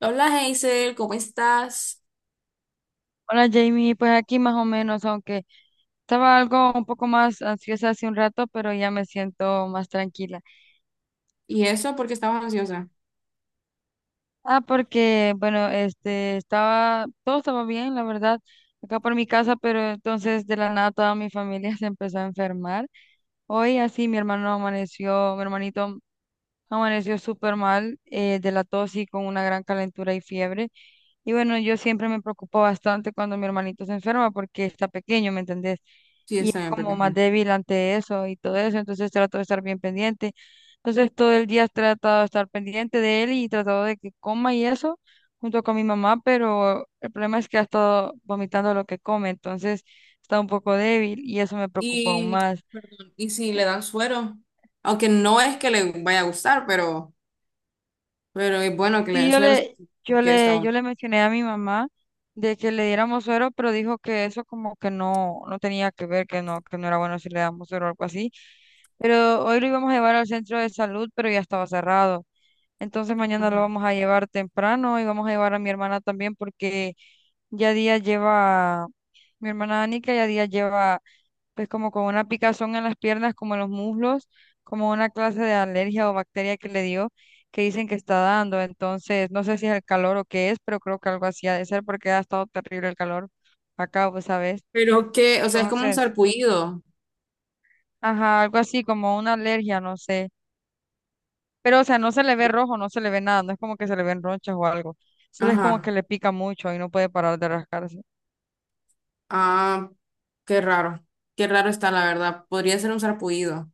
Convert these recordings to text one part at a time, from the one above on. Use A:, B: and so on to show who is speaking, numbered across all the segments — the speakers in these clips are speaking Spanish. A: Hola Hazel, ¿cómo estás?
B: Hola Jamie, pues aquí más o menos, aunque estaba algo un poco más ansiosa hace un rato, pero ya me siento más tranquila.
A: Y eso porque estabas ansiosa.
B: Ah, porque bueno, todo estaba bien, la verdad, acá por mi casa, pero entonces de la nada toda mi familia se empezó a enfermar. Hoy así mi hermano amaneció, mi hermanito amaneció súper mal de la tos y con una gran calentura y fiebre. Y bueno, yo siempre me preocupo bastante cuando mi hermanito se enferma porque está pequeño, ¿me entendés?
A: Sí,
B: Y es
A: está bien,
B: como más
A: pequeña.
B: débil ante eso y todo eso, entonces trato de estar bien pendiente. Entonces todo el día he tratado de estar pendiente de él y tratado de que coma y eso junto con mi mamá, pero el problema es que ha estado vomitando lo que come, entonces está un poco débil y eso me preocupa aún
A: Y,
B: más.
A: perdón, y si le dan suero, aunque no es que le vaya a gustar, pero es bueno que le
B: Y
A: den
B: yo
A: suero
B: le,
A: porque estaba.
B: yo le mencioné a mi mamá de que le diéramos suero, pero dijo que eso como que no, no tenía que ver, que no era bueno si le damos suero o algo así. Pero hoy lo íbamos a llevar al centro de salud, pero ya estaba cerrado. Entonces mañana lo
A: Ajá.
B: vamos a llevar temprano y vamos a llevar a mi hermana también porque ya día lleva, mi hermana Anika ya día lleva pues como con una picazón en las piernas, como en los muslos, como una clase de alergia o bacteria que le dio, que dicen que está dando. Entonces, no sé si es el calor o qué es, pero creo que algo así ha de ser porque ha estado terrible el calor acá, pues, ¿sabes?
A: Pero que, o sea, es como un
B: Entonces,
A: sarpullido.
B: ajá, algo así como una alergia, no sé. Pero, o sea, no se le ve rojo, no se le ve nada, no es como que se le ven ronchas o algo. Solo es como que
A: Ajá.
B: le pica mucho y no puede parar de rascarse.
A: Ah, qué raro. Qué raro está, la verdad. Podría ser un sarpullido.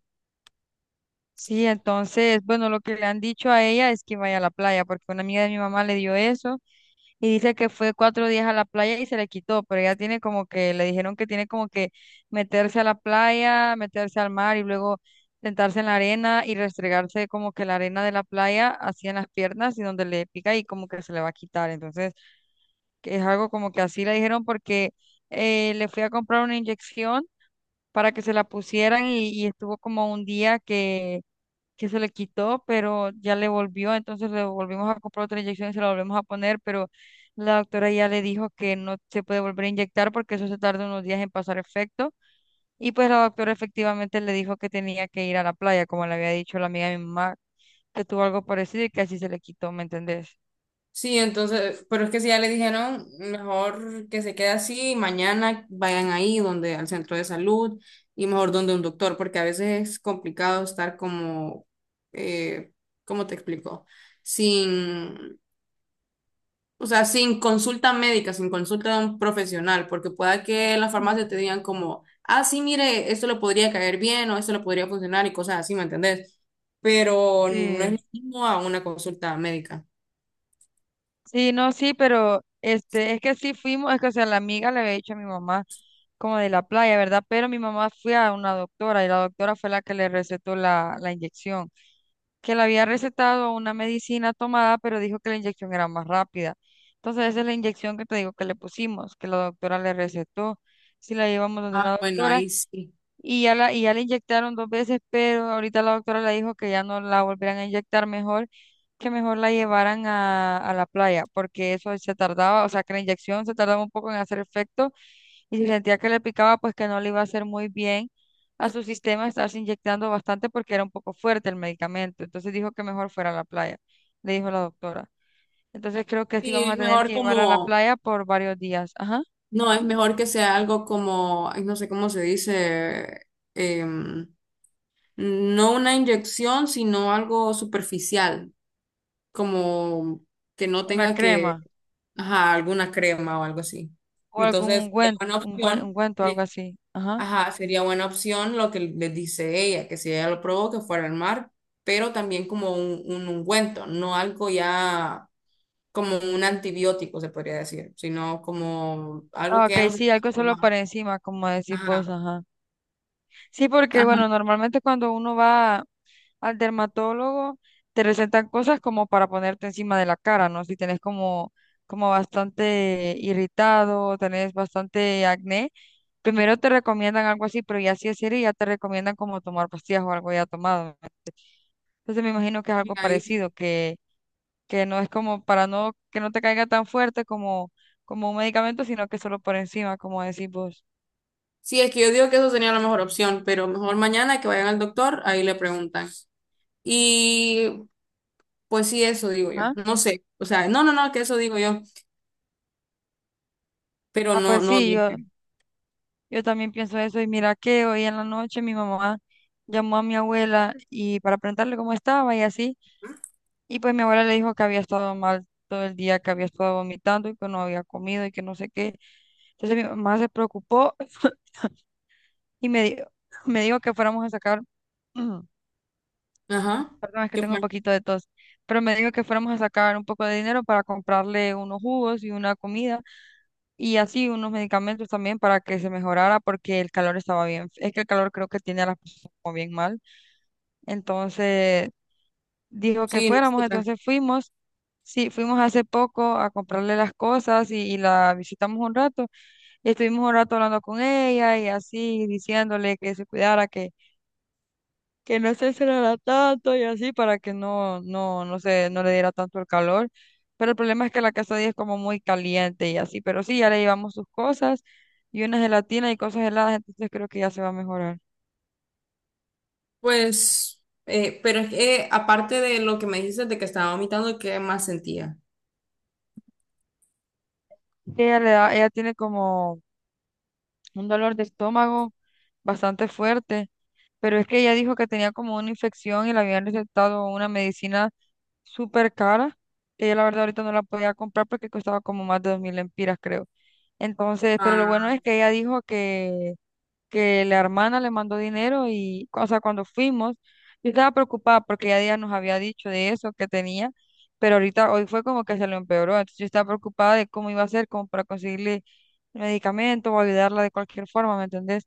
B: Sí, entonces, bueno, lo que le han dicho a ella es que vaya a la playa, porque una amiga de mi mamá le dio eso. Y dice que fue 4 días a la playa y se le quitó, pero ella tiene como que, le dijeron que tiene como que meterse a la playa, meterse al mar y luego sentarse en la arena y restregarse como que la arena de la playa así en las piernas y donde le pica y como que se le va a quitar. Entonces, que es algo como que así le dijeron porque le fui a comprar una inyección para que se la pusieran y estuvo como un día que se le quitó, pero ya le volvió, entonces le volvimos a comprar otra inyección y se la volvemos a poner, pero la doctora ya le dijo que no se puede volver a inyectar porque eso se tarda unos días en pasar efecto. Y pues la doctora efectivamente le dijo que tenía que ir a la playa, como le había dicho la amiga de mi mamá, que tuvo algo parecido y que así se le quitó, ¿me entendés?
A: Sí, entonces, pero es que si ya le dijeron, mejor que se quede así, mañana vayan ahí donde al centro de salud y mejor donde un doctor, porque a veces es complicado estar como, eh, ¿cómo te explico? Sin, o sea, sin consulta médica, sin consulta de un profesional, porque pueda que en la farmacia te digan como, ah, sí, mire, esto le podría caer bien o esto le podría funcionar y cosas así, ¿me entendés? Pero no es lo
B: Sí.
A: mismo a una consulta médica.
B: Sí, no, sí, pero este, es que sí fuimos, es que o sea, la amiga le había dicho a mi mamá como de la playa, ¿verdad? Pero mi mamá fue a una doctora y la doctora fue la que le recetó la inyección. Que le había recetado una medicina tomada, pero dijo que la inyección era más rápida. Entonces, esa es la inyección que te digo que le pusimos, que la doctora le recetó. Si la llevamos donde
A: Ah,
B: una
A: bueno,
B: doctora
A: ahí sí.
B: y ya la inyectaron dos veces, pero ahorita la doctora le dijo que ya no la volverán a inyectar mejor, que mejor la llevaran a la playa, porque eso se tardaba, o sea, que la inyección se tardaba un poco en hacer efecto y si sentía que le picaba, pues que no le iba a hacer muy bien a su sistema estarse inyectando bastante porque era un poco fuerte el medicamento. Entonces dijo que mejor fuera a la playa, le dijo la doctora. Entonces creo que sí
A: Sí,
B: vamos
A: es
B: a tener
A: mejor
B: que llevarla a la
A: como,
B: playa por varios días. Ajá.
A: no, es mejor que sea algo como, ay, no sé cómo se dice, em, no una inyección, sino algo superficial, como que no
B: Una
A: tenga
B: crema
A: que, ajá, alguna crema o algo así.
B: o algún
A: Entonces, sería
B: ungüento,
A: buena
B: un buen
A: opción,
B: ungüento, algo
A: sí,
B: así. Ajá.
A: ajá, sería buena opción lo que le dice ella, que si ella lo probó, que fuera al mar, pero también como un ungüento, no algo ya como un antibiótico, se podría decir, sino como algo
B: Ah,
A: que
B: ok,
A: ya no se
B: sí,
A: puede
B: algo solo
A: tomar.
B: para encima, como decís vos,
A: Ajá.
B: ajá. Sí, porque bueno,
A: Ajá.
B: normalmente cuando uno va al dermatólogo, te recetan cosas como para ponerte encima de la cara, ¿no? Si tenés como, como bastante irritado, tenés bastante acné, primero te recomiendan algo así, pero ya si es serio, ya te recomiendan como tomar pastillas o algo ya tomado. Entonces me imagino que es
A: Sí,
B: algo
A: ahí
B: parecido,
A: sí.
B: que no es como para no, que no te caiga tan fuerte como, como un medicamento, sino que solo por encima, como decís vos.
A: Sí, es que yo digo que eso sería la mejor opción, pero mejor mañana que vayan al doctor, ahí le preguntan. Y pues sí, eso digo yo.
B: Ajá.
A: No sé, o sea, no, no, no, que eso digo yo, pero
B: Ah,
A: no,
B: pues
A: no,
B: sí,
A: no sé.
B: yo también pienso eso y mira que hoy en la noche mi mamá llamó a mi abuela y para preguntarle cómo estaba y así, y pues mi abuela le dijo que había estado mal todo el día, que había estado vomitando y que no había comido y que no sé qué. Entonces mi mamá se preocupó y me dijo, me dijo que fuéramos a sacar, perdón,
A: Ajá.
B: es que
A: ¿Qué
B: tengo un
A: fue?
B: poquito de tos, pero me dijo que fuéramos a sacar un poco de dinero para comprarle unos jugos y una comida y así unos medicamentos también para que se mejorara porque el calor estaba bien, es que el calor creo que tiene a las personas como bien mal. Entonces dijo que
A: Sí,
B: fuéramos,
A: nosotras.
B: entonces fuimos. Sí, fuimos hace poco a comprarle las cosas y la visitamos un rato y estuvimos un rato hablando con ella y así diciéndole que se cuidara, que no se encerrara tanto y así para que no le diera tanto el calor. Pero el problema es que la casa de ella es como muy caliente y así, pero sí, ya le llevamos sus cosas y una gelatina y cosas heladas, entonces creo que ya se va a mejorar.
A: Pues, pero es que aparte de lo que me dijiste de que estaba vomitando, ¿qué más sentía?
B: Ella tiene como un dolor de estómago bastante fuerte, pero es que ella dijo que tenía como una infección y le habían recetado una medicina súper cara, que ella la verdad ahorita no la podía comprar porque costaba como más de 2.000 lempiras, creo. Entonces, pero lo bueno
A: Ah,
B: es que ella dijo que la hermana le mandó dinero y, o sea, cuando fuimos, yo estaba preocupada porque ya día nos había dicho de eso que tenía, pero ahorita hoy fue como que se lo empeoró, entonces yo estaba preocupada de cómo iba a hacer como para conseguirle medicamento o ayudarla de cualquier forma, ¿me entendés?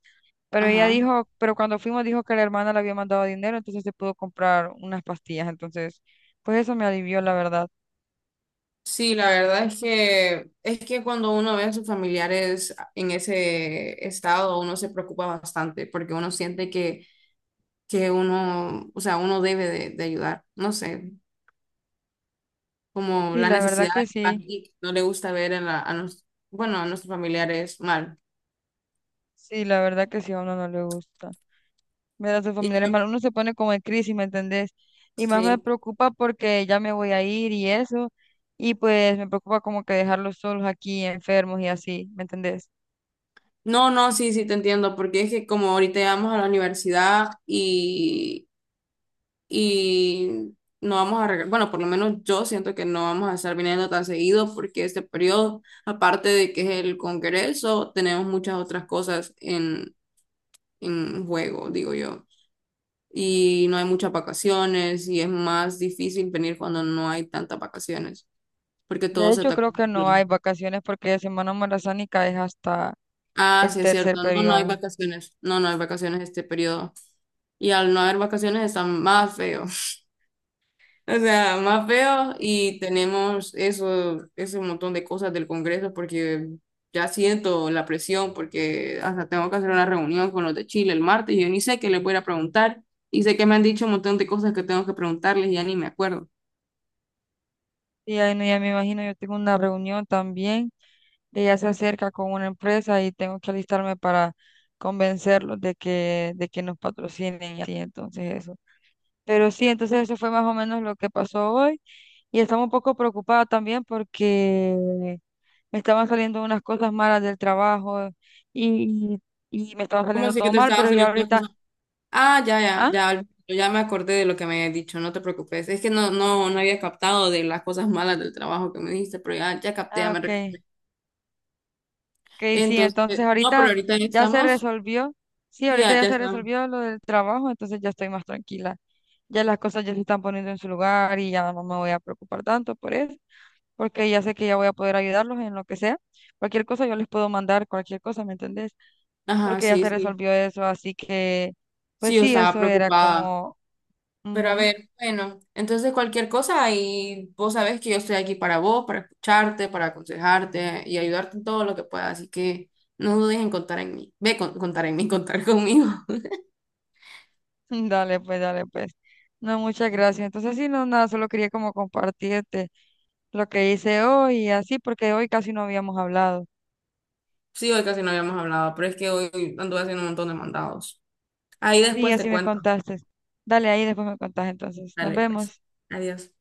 A: ajá.
B: Pero cuando fuimos dijo que la hermana le había mandado dinero, entonces se pudo comprar unas pastillas, entonces, pues eso me alivió, la verdad.
A: Sí, la verdad es que cuando uno ve a sus familiares en ese estado, uno se preocupa bastante porque uno siente que uno, o sea, uno debe de ayudar. No sé, como
B: Y
A: la
B: la verdad
A: necesidad de
B: que
A: ayudar
B: sí,
A: y no le gusta ver a, la- a nos- bueno, a nuestros familiares mal.
B: sí, la verdad que sí, a uno no le gusta. Relación
A: Y
B: familiar es
A: que-
B: malo, uno se pone como en crisis, ¿me entendés? Y más me
A: sí.
B: preocupa porque ya me voy a ir y eso, y pues me preocupa como que dejarlos solos aquí, enfermos y así, ¿me entendés?
A: No, no, sí, sí, te entiendo, porque es que como ahorita ya vamos a la universidad y no vamos a regresar, bueno, por lo menos yo siento que no vamos a estar viniendo tan seguido porque este periodo, aparte de que es el Congreso, tenemos muchas otras cosas en juego, digo yo. Y no hay muchas vacaciones y es más difícil venir cuando no hay tantas vacaciones, porque
B: De
A: todo se
B: hecho,
A: está
B: creo que no hay
A: conjunto.
B: vacaciones porque Semana Marazánica es hasta
A: Ah,
B: el
A: sí, es
B: tercer
A: cierto. No, no hay
B: periodo.
A: vacaciones. No, no hay vacaciones este periodo. Y al no haber vacaciones está más feo. O sea, más feo y tenemos eso, ese montón de cosas del Congreso porque ya siento la presión porque hasta tengo que hacer una reunión con los de Chile el martes y yo ni sé qué les voy a ir a preguntar y sé que me han dicho un montón de cosas que tengo que preguntarles y ya ni me acuerdo.
B: Y ahí no, ya me imagino, yo tengo una reunión también, que ya se acerca con una empresa y tengo que alistarme para convencerlos de que nos patrocinen y así, entonces eso. Pero sí, entonces eso fue más o menos lo que pasó hoy. Y estaba un poco preocupada también porque me estaban saliendo unas cosas malas del trabajo y, y me estaba
A: ¿Cómo
B: saliendo
A: así
B: todo
A: que te
B: mal,
A: estaba
B: pero ya
A: saliendo las
B: ahorita,
A: cosas? Ah, ya, ya,
B: ah,
A: ya, ya me acordé de lo que me habías dicho, no te preocupes. Es que no, no, no había captado de las cosas malas del trabajo que me dijiste, pero ya, ya capté, ya me
B: ok,
A: recuperé.
B: ok, sí,
A: Entonces,
B: entonces
A: no, pero
B: ahorita
A: ahorita ya
B: ya se
A: estamos,
B: resolvió, sí,
A: sí,
B: ahorita
A: ya,
B: ya
A: ya
B: se
A: estamos.
B: resolvió lo del trabajo, entonces ya estoy más tranquila, ya las cosas ya se están poniendo en su lugar y ya no me voy a preocupar tanto por eso, porque ya sé que ya voy a poder ayudarlos en lo que sea, cualquier cosa yo les puedo mandar, cualquier cosa, ¿me entendés?
A: Ajá,
B: Porque ya
A: sí,
B: se
A: sí.
B: resolvió eso, así que,
A: Sí,
B: pues
A: yo
B: sí,
A: estaba
B: eso era
A: preocupada.
B: como,
A: Pero a
B: ujú.
A: ver, bueno, entonces cualquier cosa ahí vos sabés que yo estoy aquí para vos, para escucharte, para aconsejarte y ayudarte en todo lo que pueda. Así que no dudes en contar en mí. Ve, con- contar en mí, contar conmigo.
B: Dale, pues, dale, pues. No, muchas gracias. Entonces, sí, no, nada, solo quería como compartirte lo que hice hoy y así, porque hoy casi no habíamos hablado.
A: Sí, hoy casi no habíamos hablado, pero es que hoy anduve haciendo un montón de mandados. Ahí
B: Sí,
A: después te
B: así me
A: cuento.
B: contaste. Dale, ahí después me contás entonces. Nos
A: Dale, pues.
B: vemos.
A: Adiós.